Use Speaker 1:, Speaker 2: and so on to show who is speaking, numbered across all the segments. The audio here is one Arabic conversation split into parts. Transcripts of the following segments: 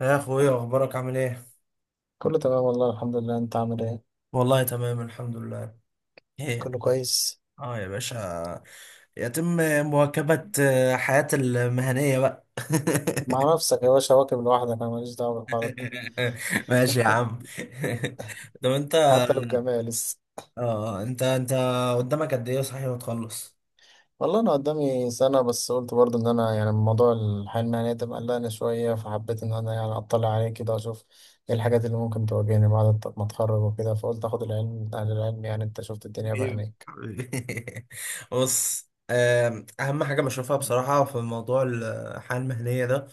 Speaker 1: يا اخويا، اخبارك عامل ايه؟
Speaker 2: كله تمام والله الحمد لله، انت عامل ايه؟
Speaker 1: والله تمام الحمد لله. ايه؟
Speaker 2: كله كويس.
Speaker 1: اه يا باشا، يتم مواكبة، حياتي المهنية بقى.
Speaker 2: مع نفسك يا باشا واكب لوحدك، انا ماليش دعوه بالحوارات دي.
Speaker 1: ماشي يا عم. طب انت،
Speaker 2: حتى لو بجامعة لسه.
Speaker 1: انت قدامك قد ايه صحيح وتخلص؟
Speaker 2: والله انا قدامي سنه، بس قلت برضه ان انا يعني موضوع الحياه المهنيه ده مقلقني شويه، فحبيت ان انا يعني اطلع عليه كده اشوف ايه الحاجات اللي ممكن تواجهني بعد ما اتخرج وكده، فقلت اخد العلم من اهل العلم. يعني انت شفت الدنيا
Speaker 1: حبيبي
Speaker 2: بعينيك.
Speaker 1: حبيبي. بص، اهم حاجة بشوفها بصراحة في موضوع الحياة المهنية ده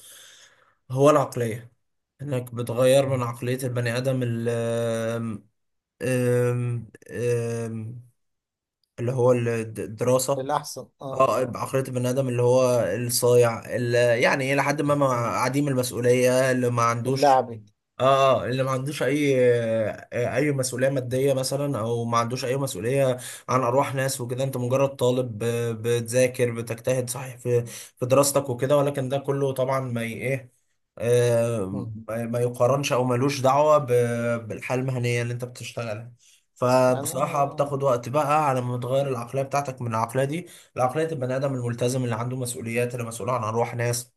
Speaker 1: هو العقلية. انك بتغير من عقلية البني ادم أم- أم، اللي هو الدراسة،
Speaker 2: للاحسن اه
Speaker 1: اه
Speaker 2: اه اه.
Speaker 1: بعقلية البني آدم اللي هو الصايع اللي يعني إلى حد ما
Speaker 2: مم.
Speaker 1: عديم المسؤولية،
Speaker 2: اللعبي.
Speaker 1: اه اللي ما عندوش اي، اي مسؤوليه ماديه مثلا، او ما عندوش اي مسؤوليه عن ارواح ناس وكده. انت مجرد طالب، بتذاكر بتجتهد صحيح في دراستك وكده، ولكن ده كله طبعا ما ي- ايه آه،
Speaker 2: مم.
Speaker 1: ما ما يقارنش او ملوش دعوه بالحياه المهنيه اللي انت بتشتغلها. فبصراحه
Speaker 2: انا.
Speaker 1: بتاخد وقت بقى على ما تغير العقليه بتاعتك من العقليه دي لعقليه البني ادم الملتزم، اللي عنده مسؤوليات، اللي مسؤول عن ارواح ناس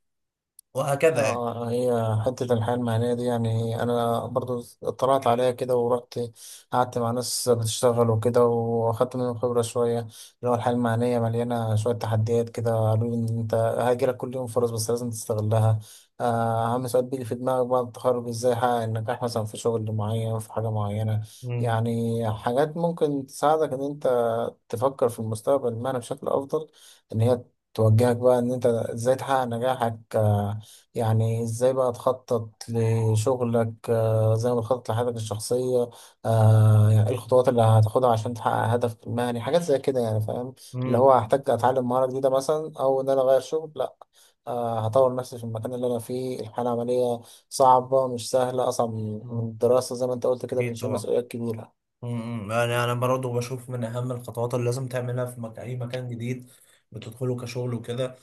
Speaker 1: وهكذا يعني.
Speaker 2: اه، هي حتة الحياة المهنية دي يعني أنا برضو اطلعت عليها كده ورحت قعدت مع ناس بتشتغل وكده، وأخدت منهم خبرة شوية. اللي هو الحياة المهنية مليانة شوية تحديات كده، قالوا لي إن أنت هيجيلك كل يوم فرص بس لازم تستغلها. أهم سؤال بيجي في دماغك بعد التخرج: إزاي أحقق النجاح مثلا في شغل معين، في حاجة معينة؟
Speaker 1: مم.
Speaker 2: يعني حاجات ممكن تساعدك إن أنت تفكر في المستقبل المهني بشكل أفضل، إن هي توجهك بقى إن أنت إزاي تحقق نجاحك. يعني ازاي بقى تخطط لشغلك زي ما تخطط لحياتك الشخصية. يعني ايه الخطوات اللي هتاخدها عشان تحقق هدفك المهني؟ حاجات زي كده يعني، فاهم؟ اللي
Speaker 1: مم.
Speaker 2: هو هحتاج اتعلم مهارة جديدة مثلا، او ان انا اغير شغل؟ لا، هطور نفسي في المكان اللي انا فيه. الحالة العملية صعبة، مش سهلة، اصعب من
Speaker 1: مم.
Speaker 2: الدراسة زي ما انت قلت كده،
Speaker 1: أكيد
Speaker 2: بنشيل
Speaker 1: طبعا.
Speaker 2: مسؤوليات كبيرة.
Speaker 1: يعني أنا برضه بشوف من أهم الخطوات اللي لازم تعملها في أي مكان جديد بتدخله كشغل وكده،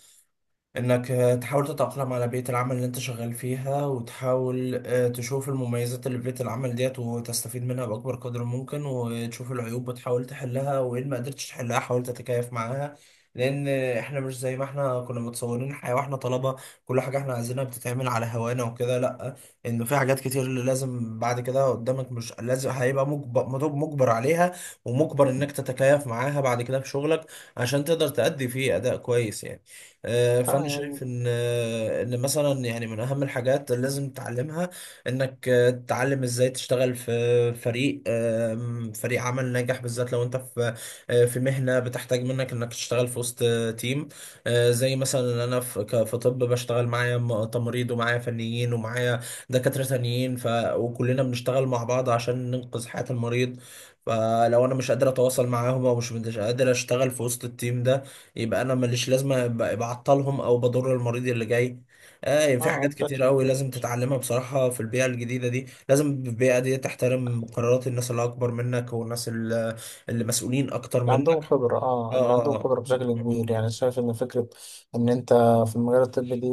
Speaker 1: انك تحاول تتأقلم على بيئة العمل اللي انت شغال فيها، وتحاول تشوف المميزات اللي في بيئة العمل ديت وتستفيد منها بأكبر قدر ممكن، وتشوف العيوب وتحاول تحلها، وإن ما قدرتش تحلها حاول تتكيف معاها. لأن احنا مش زي ما احنا كنا متصورين الحياة واحنا طلبة كل حاجة احنا عايزينها بتتعمل على هوانا وكده. لأ، إنه في حاجات كتير اللي لازم بعد كده قدامك، مش لازم هيبقى مجبر مجبر عليها، ومجبر إنك تتكيف معاها بعد كده في شغلك عشان تقدر تأدي فيه أداء كويس يعني.
Speaker 2: اه
Speaker 1: فانا شايف
Speaker 2: يعني.
Speaker 1: ان، ان مثلا يعني من اهم الحاجات اللي لازم تتعلمها انك تتعلم ازاي تشتغل في فريق، فريق عمل ناجح، بالذات لو انت في، في مهنه بتحتاج منك انك تشتغل في وسط، تيم. زي مثلا انا في في طب بشتغل معايا تمريض ومعايا فنيين ومعايا دكاتره تانيين وكلنا بنشتغل مع بعض عشان ننقذ حياه المريض. فلو انا مش قادر اتواصل معاهم، او مش قادر اشتغل في وسط التيم ده، يبقى انا ماليش لازمه، بعطلهم او بضر المريض اللي جاي. آه، يعني في
Speaker 2: اه
Speaker 1: حاجات
Speaker 2: بشكل
Speaker 1: كتير قوي لازم
Speaker 2: كبير.
Speaker 1: تتعلمها بصراحه في البيئه الجديده دي. لازم البيئه دي تحترم قرارات الناس اللي اكبر منك، والناس اللي مسؤولين اكتر
Speaker 2: اللي عندهم
Speaker 1: منك.
Speaker 2: خبرة،
Speaker 1: اه،
Speaker 2: اه اللي عندهم
Speaker 1: آه،
Speaker 2: خبرة بشكل
Speaker 1: آه.
Speaker 2: كبير. يعني شايف ان فكرة ان انت في المجال الطبي دي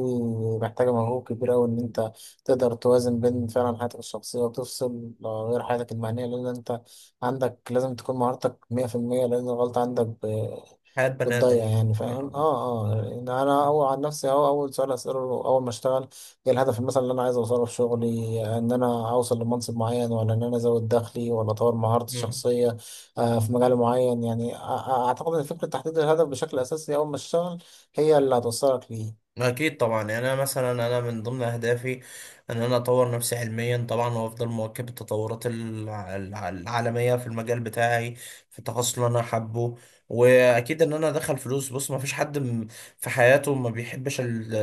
Speaker 2: محتاجة مجهود كبير اوي، ان انت تقدر توازن بين فعلا حياتك الشخصية، وتفصل غير حياتك المهنية، لان انت عندك لازم تكون مهارتك مية في المية، لان الغلطة عندك
Speaker 1: حياه بني
Speaker 2: بتضيع.
Speaker 1: ادم.
Speaker 2: يعني فاهم؟
Speaker 1: آه.
Speaker 2: اه اه. يعني انا اول عن نفسي اهو، اول سؤال اسأله اول ما اشتغل: ايه الهدف مثلا اللي انا عايز اوصله في شغلي؟ ان انا اوصل لمنصب معين، ولا ان انا ازود دخلي، ولا اطور مهارتي
Speaker 1: مم.
Speaker 2: الشخصية في مجال معين؟ يعني اعتقد ان فكره تحديد الهدف بشكل اساسي اول ما تشتغل هي اللي هتوصلك ليه.
Speaker 1: أكيد طبعا. يعني أنا مثلا، أنا من ضمن أهدافي إن أنا أطور نفسي علميا طبعا، وأفضل مواكب التطورات العالمية في المجال بتاعي، في التخصص اللي أنا حابه. وأكيد إن أنا أدخل فلوس. بص، ما فيش حد في حياته ما بيحبش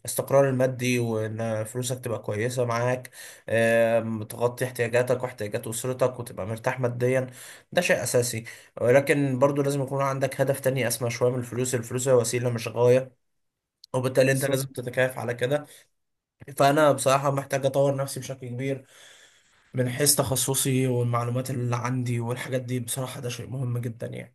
Speaker 1: الاستقرار المادي، وإن فلوسك تبقى كويسة معاك، تغطي احتياجاتك واحتياجات أسرتك وتبقى مرتاح ماديا. ده شيء أساسي. ولكن برضو لازم يكون عندك هدف تاني أسمى شوية من الفلوس. الفلوس هي وسيلة مش غاية، وبالتالي انت لازم
Speaker 2: بالظبط.
Speaker 1: تتكيف على كده. فانا بصراحه محتاج اطور نفسي بشكل كبير من حيث تخصصي والمعلومات اللي عندي والحاجات دي. بصراحه ده شيء مهم جدا يعني.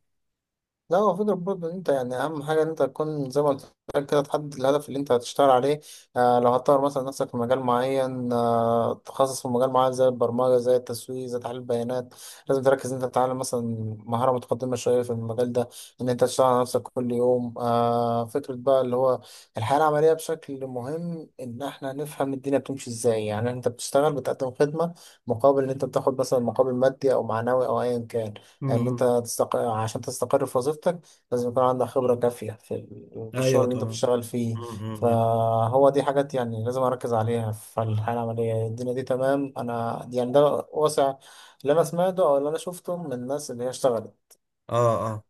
Speaker 2: لا، هو فكرة برضه إن أنت يعني أهم حاجة إن أنت تكون زي ما قلت لك كده، تحدد الهدف اللي أنت هتشتغل عليه. آه، لو هتطور مثلا نفسك في مجال معين، آه تخصص في مجال معين زي البرمجة، زي التسويق، زي تحليل البيانات، لازم تركز إن أنت تتعلم مثلا مهارة متقدمة شوية في المجال ده، إن أنت تشتغل على نفسك كل يوم. آه، فكرة بقى اللي هو الحياة العملية بشكل مهم إن إحنا نفهم الدنيا بتمشي إزاي. يعني أنت بتشتغل بتقدم خدمة مقابل إن أنت بتاخد مثلا مقابل مادي أو معنوي أو أيا كان.
Speaker 1: امم
Speaker 2: عشان تستقر في وظيفتك لازم يكون عندك خبرة كافية في في الشغل
Speaker 1: ايوه
Speaker 2: اللي انت
Speaker 1: طبعا.
Speaker 2: بتشتغل فيه.
Speaker 1: م.
Speaker 2: فهو دي حاجات يعني لازم اركز عليها في الحياة العملية. الدنيا دي تمام، انا يعني ده واسع اللي انا سمعته او اللي انا شفته من الناس اللي هي اشتغلت.
Speaker 1: اه، اه.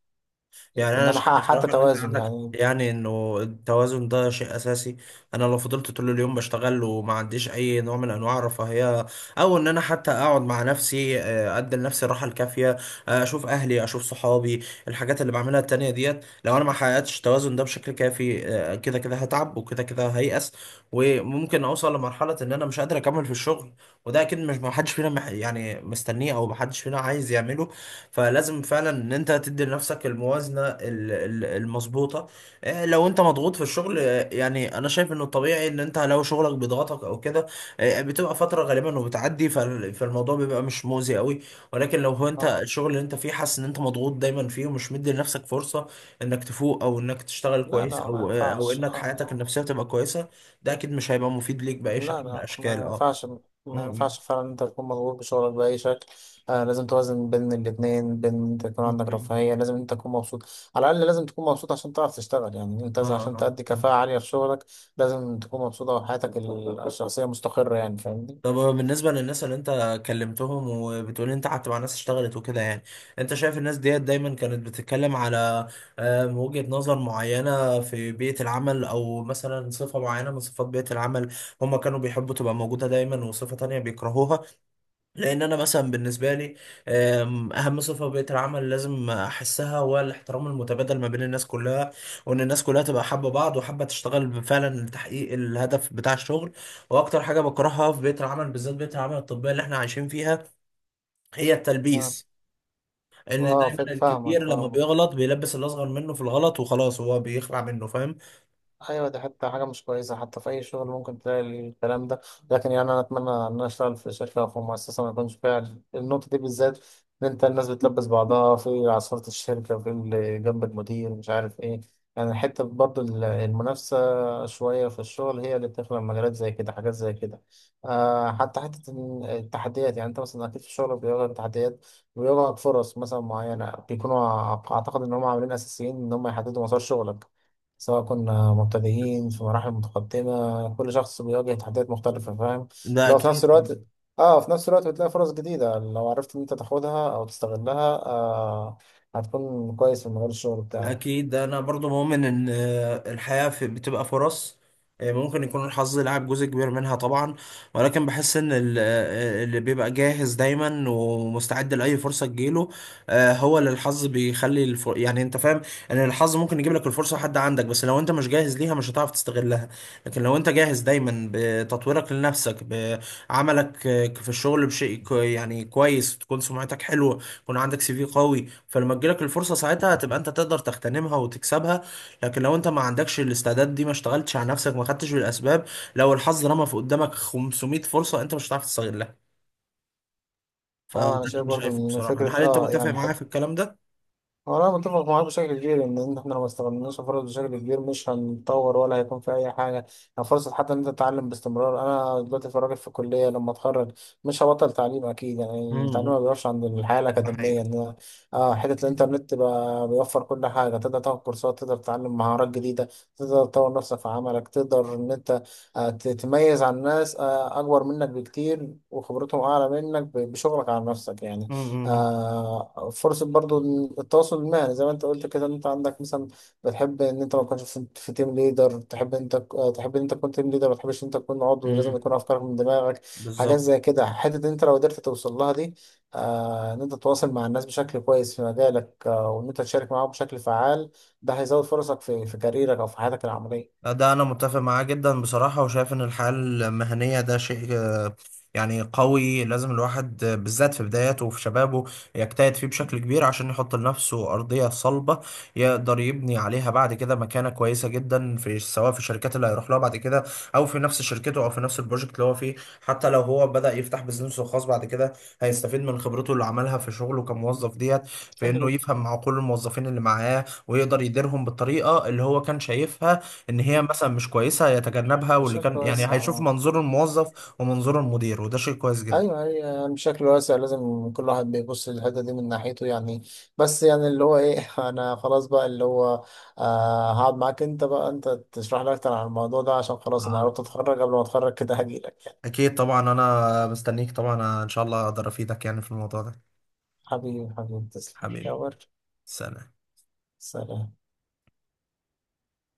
Speaker 1: يعني
Speaker 2: ان
Speaker 1: انا
Speaker 2: انا
Speaker 1: شايف
Speaker 2: احقق
Speaker 1: بصراحه
Speaker 2: حتى
Speaker 1: ان انت
Speaker 2: توازن
Speaker 1: عندك،
Speaker 2: يعني.
Speaker 1: يعني انه التوازن ده شيء اساسي. انا لو فضلت طول اليوم بشتغل وما عنديش اي نوع من انواع الرفاهيه، او ان انا حتى اقعد مع نفسي، ادي لنفسي الراحه الكافيه، اشوف اهلي اشوف صحابي الحاجات اللي بعملها التانية ديت، لو انا ما حققتش التوازن ده بشكل كافي، كده كده هتعب وكده كده هيأس، وممكن اوصل لمرحله ان انا مش قادر اكمل في الشغل. وده اكيد مش، ما حدش فينا يعني مستنيه، او ما حدش فينا عايز يعمله. فلازم فعلا ان انت تدي لنفسك الموازنه المظبوطه. لو انت مضغوط في الشغل، يعني انا شايف انه الطبيعي ان انت لو شغلك بيضغطك او كده، بتبقى فتره غالبا وبتعدي فالموضوع بيبقى مش مؤذي قوي. ولكن لو هو انت
Speaker 2: اه.
Speaker 1: الشغل اللي انت فيه حاسس ان انت مضغوط دايما فيه، ومش مدي لنفسك فرصه انك تفوق، او انك تشتغل
Speaker 2: لا
Speaker 1: كويس،
Speaker 2: لا، ما
Speaker 1: او او
Speaker 2: ينفعش.
Speaker 1: انك
Speaker 2: آه.
Speaker 1: حياتك
Speaker 2: آه.
Speaker 1: النفسيه تبقى كويسه، ده اكيد مش هيبقى مفيد ليك باي
Speaker 2: لا
Speaker 1: شكل من
Speaker 2: لا، ما
Speaker 1: الاشكال. اه.
Speaker 2: ينفعش.
Speaker 1: م-
Speaker 2: ما
Speaker 1: م-
Speaker 2: ينفعش فعلا إن انت تكون مضغوط بشغلك بأي شكل. آه لازم توازن بين الاتنين، بين انت يكون عندك
Speaker 1: م.
Speaker 2: رفاهية، لازم انت تكون مبسوط. على الأقل لازم تكون مبسوط عشان تعرف تشتغل. يعني انت
Speaker 1: اه،
Speaker 2: لازم عشان تأدي
Speaker 1: اه.
Speaker 2: كفاءة عالية في شغلك لازم تكون مبسوطة، وحياتك الشخصية مستقرة. يعني فاهمني؟
Speaker 1: طب بالنسبة للناس اللي انت كلمتهم، وبتقول انت قعدت مع ناس اشتغلت وكده، يعني انت شايف الناس ديت دايما كانت بتتكلم على، وجهة نظر معينة في بيئة العمل، او مثلا صفة معينة من صفات بيئة العمل هم كانوا بيحبوا تبقى موجودة دايما، وصفة تانية بيكرهوها؟ لان انا مثلا بالنسبه لي، اهم صفه في بيئه العمل لازم احسها هو الاحترام المتبادل ما بين الناس كلها، وان الناس كلها تبقى حابه بعض وحابه تشتغل فعلا لتحقيق الهدف بتاع الشغل. واكتر حاجه بكرهها في بيئه العمل، بالذات بيئه العمل الطبيه اللي احنا عايشين فيها، هي
Speaker 2: اه،
Speaker 1: التلبيس. ان
Speaker 2: آه،
Speaker 1: دايما
Speaker 2: فاهمك
Speaker 1: الكبير لما
Speaker 2: فاهمك.
Speaker 1: بيغلط بيلبس الاصغر منه في الغلط وخلاص هو بيخلع منه، فاهم؟
Speaker 2: ايوه، دي حتى حاجه مش كويسه حتى في اي شغل، ممكن تلاقي الكلام ده. لكن يعني انا اتمنى ان انا اشتغل في شركه او في مؤسسه ما يكونش فيها النقطه دي بالذات، ان انت الناس بتلبس بعضها في عصاره الشركه، في اللي جنب المدير مش عارف ايه. يعني حته برضو المنافسه شويه في الشغل هي اللي بتخلق مجالات زي كده، حاجات زي كده. آه، حتى حته إن التحديات، يعني انت مثلا اكيد في الشغل بيواجهك تحديات، بيواجهك فرص مثلا معينه، بيكونوا اعتقد ان هم عاملين اساسيين ان هم يحددوا مسار شغلك. سواء كنا مبتدئين في مراحل متقدمة، كل شخص بيواجه تحديات مختلفة، فاهم؟
Speaker 1: ده
Speaker 2: لو في نفس
Speaker 1: اكيد.
Speaker 2: الوقت، اه في نفس الوقت بتلاقي فرص جديدة، لو عرفت ان انت تاخدها او تستغلها آه، هتكون كويس في مجال الشغل بتاعك.
Speaker 1: اكيد انا برضو مؤمن ان، الحياة في بتبقى فرص. ممكن يكون الحظ لعب جزء كبير منها طبعا، ولكن بحس ان اللي بيبقى جاهز دايما ومستعد لاي فرصة تجيله، هو اللي الحظ بيخلي يعني انت فاهم. ان الحظ ممكن يجيب لك الفرصة حد عندك، بس لو انت مش جاهز ليها مش هتعرف تستغلها. لكن لو انت جاهز دايما بتطويرك لنفسك، بعملك، في الشغل بشيء يعني كويس، تكون سمعتك حلوة، يكون عندك سي في قوي، فلما تجيلك الفرصة ساعتها هتبقى انت تقدر تغتنمها وتكسبها. لكن لو انت ما عندكش الاستعداد دي، ما اشتغلتش على نفسك، ما خدتش بالاسباب، لو الحظ رمى في قدامك 500 فرصة انت مش هتعرف تستغلها. فده
Speaker 2: اه انا
Speaker 1: اللي
Speaker 2: شايف
Speaker 1: انا
Speaker 2: برضو
Speaker 1: شايفه
Speaker 2: ان
Speaker 1: بصراحة.
Speaker 2: فكرة
Speaker 1: هل انت
Speaker 2: اه
Speaker 1: متفق
Speaker 2: يعني،
Speaker 1: معايا في الكلام ده؟
Speaker 2: هو أنا متفق معاك بشكل كبير إن إحنا لو ما استغلناش الفرص بشكل كبير مش هنتطور، ولا هيكون في أي حاجة. يعني فرصة حتى إن أنت تتعلم باستمرار. أنا دلوقتي في راجل في الكلية، لما أتخرج مش هبطل تعليم أكيد. يعني التعليم
Speaker 1: امم.
Speaker 2: ما بيقفش عند الحياة
Speaker 1: ده
Speaker 2: الأكاديمية،
Speaker 1: حقيقة.
Speaker 2: إن آه، حتة الإنترنت بقى بيوفر كل حاجة، تقدر تاخد كورسات، تقدر تتعلم مهارات جديدة، تقدر تطور نفسك في عملك، تقدر إن أنت تتميز عن ناس أكبر منك بكتير وخبرتهم أعلى منك بشغلك على نفسك يعني.
Speaker 1: امم.
Speaker 2: آه، فرصة برضو التواصل المهني زي ما انت قلت كده، ان انت عندك مثلا بتحب ان انت ما تكونش في تيم ليدر، تحب ان انت آه، تحب ان انت تكون تيم ليدر، ما تحبش ان انت تكون عضو، لازم يكون افكارك من دماغك، حاجات
Speaker 1: بالظبط.
Speaker 2: زي كده. حتة ان انت لو قدرت توصل لها دي، آه، ان انت تتواصل مع الناس بشكل كويس في مجالك، آه، وان انت تشارك معاهم بشكل فعال، ده هيزود فرصك في كاريرك او في حياتك العملية.
Speaker 1: ده أنا متفق معاه جدا بصراحة، وشايف إن الحياة المهنية ده شيء، يعني قوي لازم الواحد، بالذات في بداياته وفي شبابه يجتهد فيه بشكل كبير عشان يحط لنفسه أرضية صلبة يقدر يبني عليها بعد كده مكانة كويسة جدا، في سواء في الشركات اللي هيروح لها بعد كده، أو في نفس شركته، أو في نفس البروجكت اللي هو فيه. حتى لو هو بدأ يفتح بزنسه الخاص بعد كده، هيستفيد من خبرته اللي عملها في شغله كموظف ديت، في إنه
Speaker 2: بشكل
Speaker 1: يفهم مع كل الموظفين اللي معاه ويقدر يديرهم بالطريقة اللي هو كان شايفها ان هي مثلا مش كويسه هيتجنبها، واللي
Speaker 2: بشكل
Speaker 1: كان يعني
Speaker 2: واسع.
Speaker 1: هيشوف
Speaker 2: آه.
Speaker 1: منظور الموظف ومنظور المدير، وده شيء كويس جدا.
Speaker 2: ايوه هي يعني بشكل واسع، لازم كل واحد بيبص للحته دي من ناحيته يعني. بس يعني اللي هو ايه انا خلاص بقى اللي هو آه، هقعد معاك انت بقى، انت تشرح لي اكتر عن الموضوع ده، عشان خلاص انا
Speaker 1: آه،
Speaker 2: قربت اتخرج. قبل ما اتخرج كده هجيلك.
Speaker 1: اكيد طبعا، انا مستنيك طبعا، ان شاء الله اقدر افيدك يعني في الموضوع ده.
Speaker 2: حبيبي حبيبي، تسلم يا
Speaker 1: حبيبي.
Speaker 2: ورد.
Speaker 1: سلام.
Speaker 2: سلام.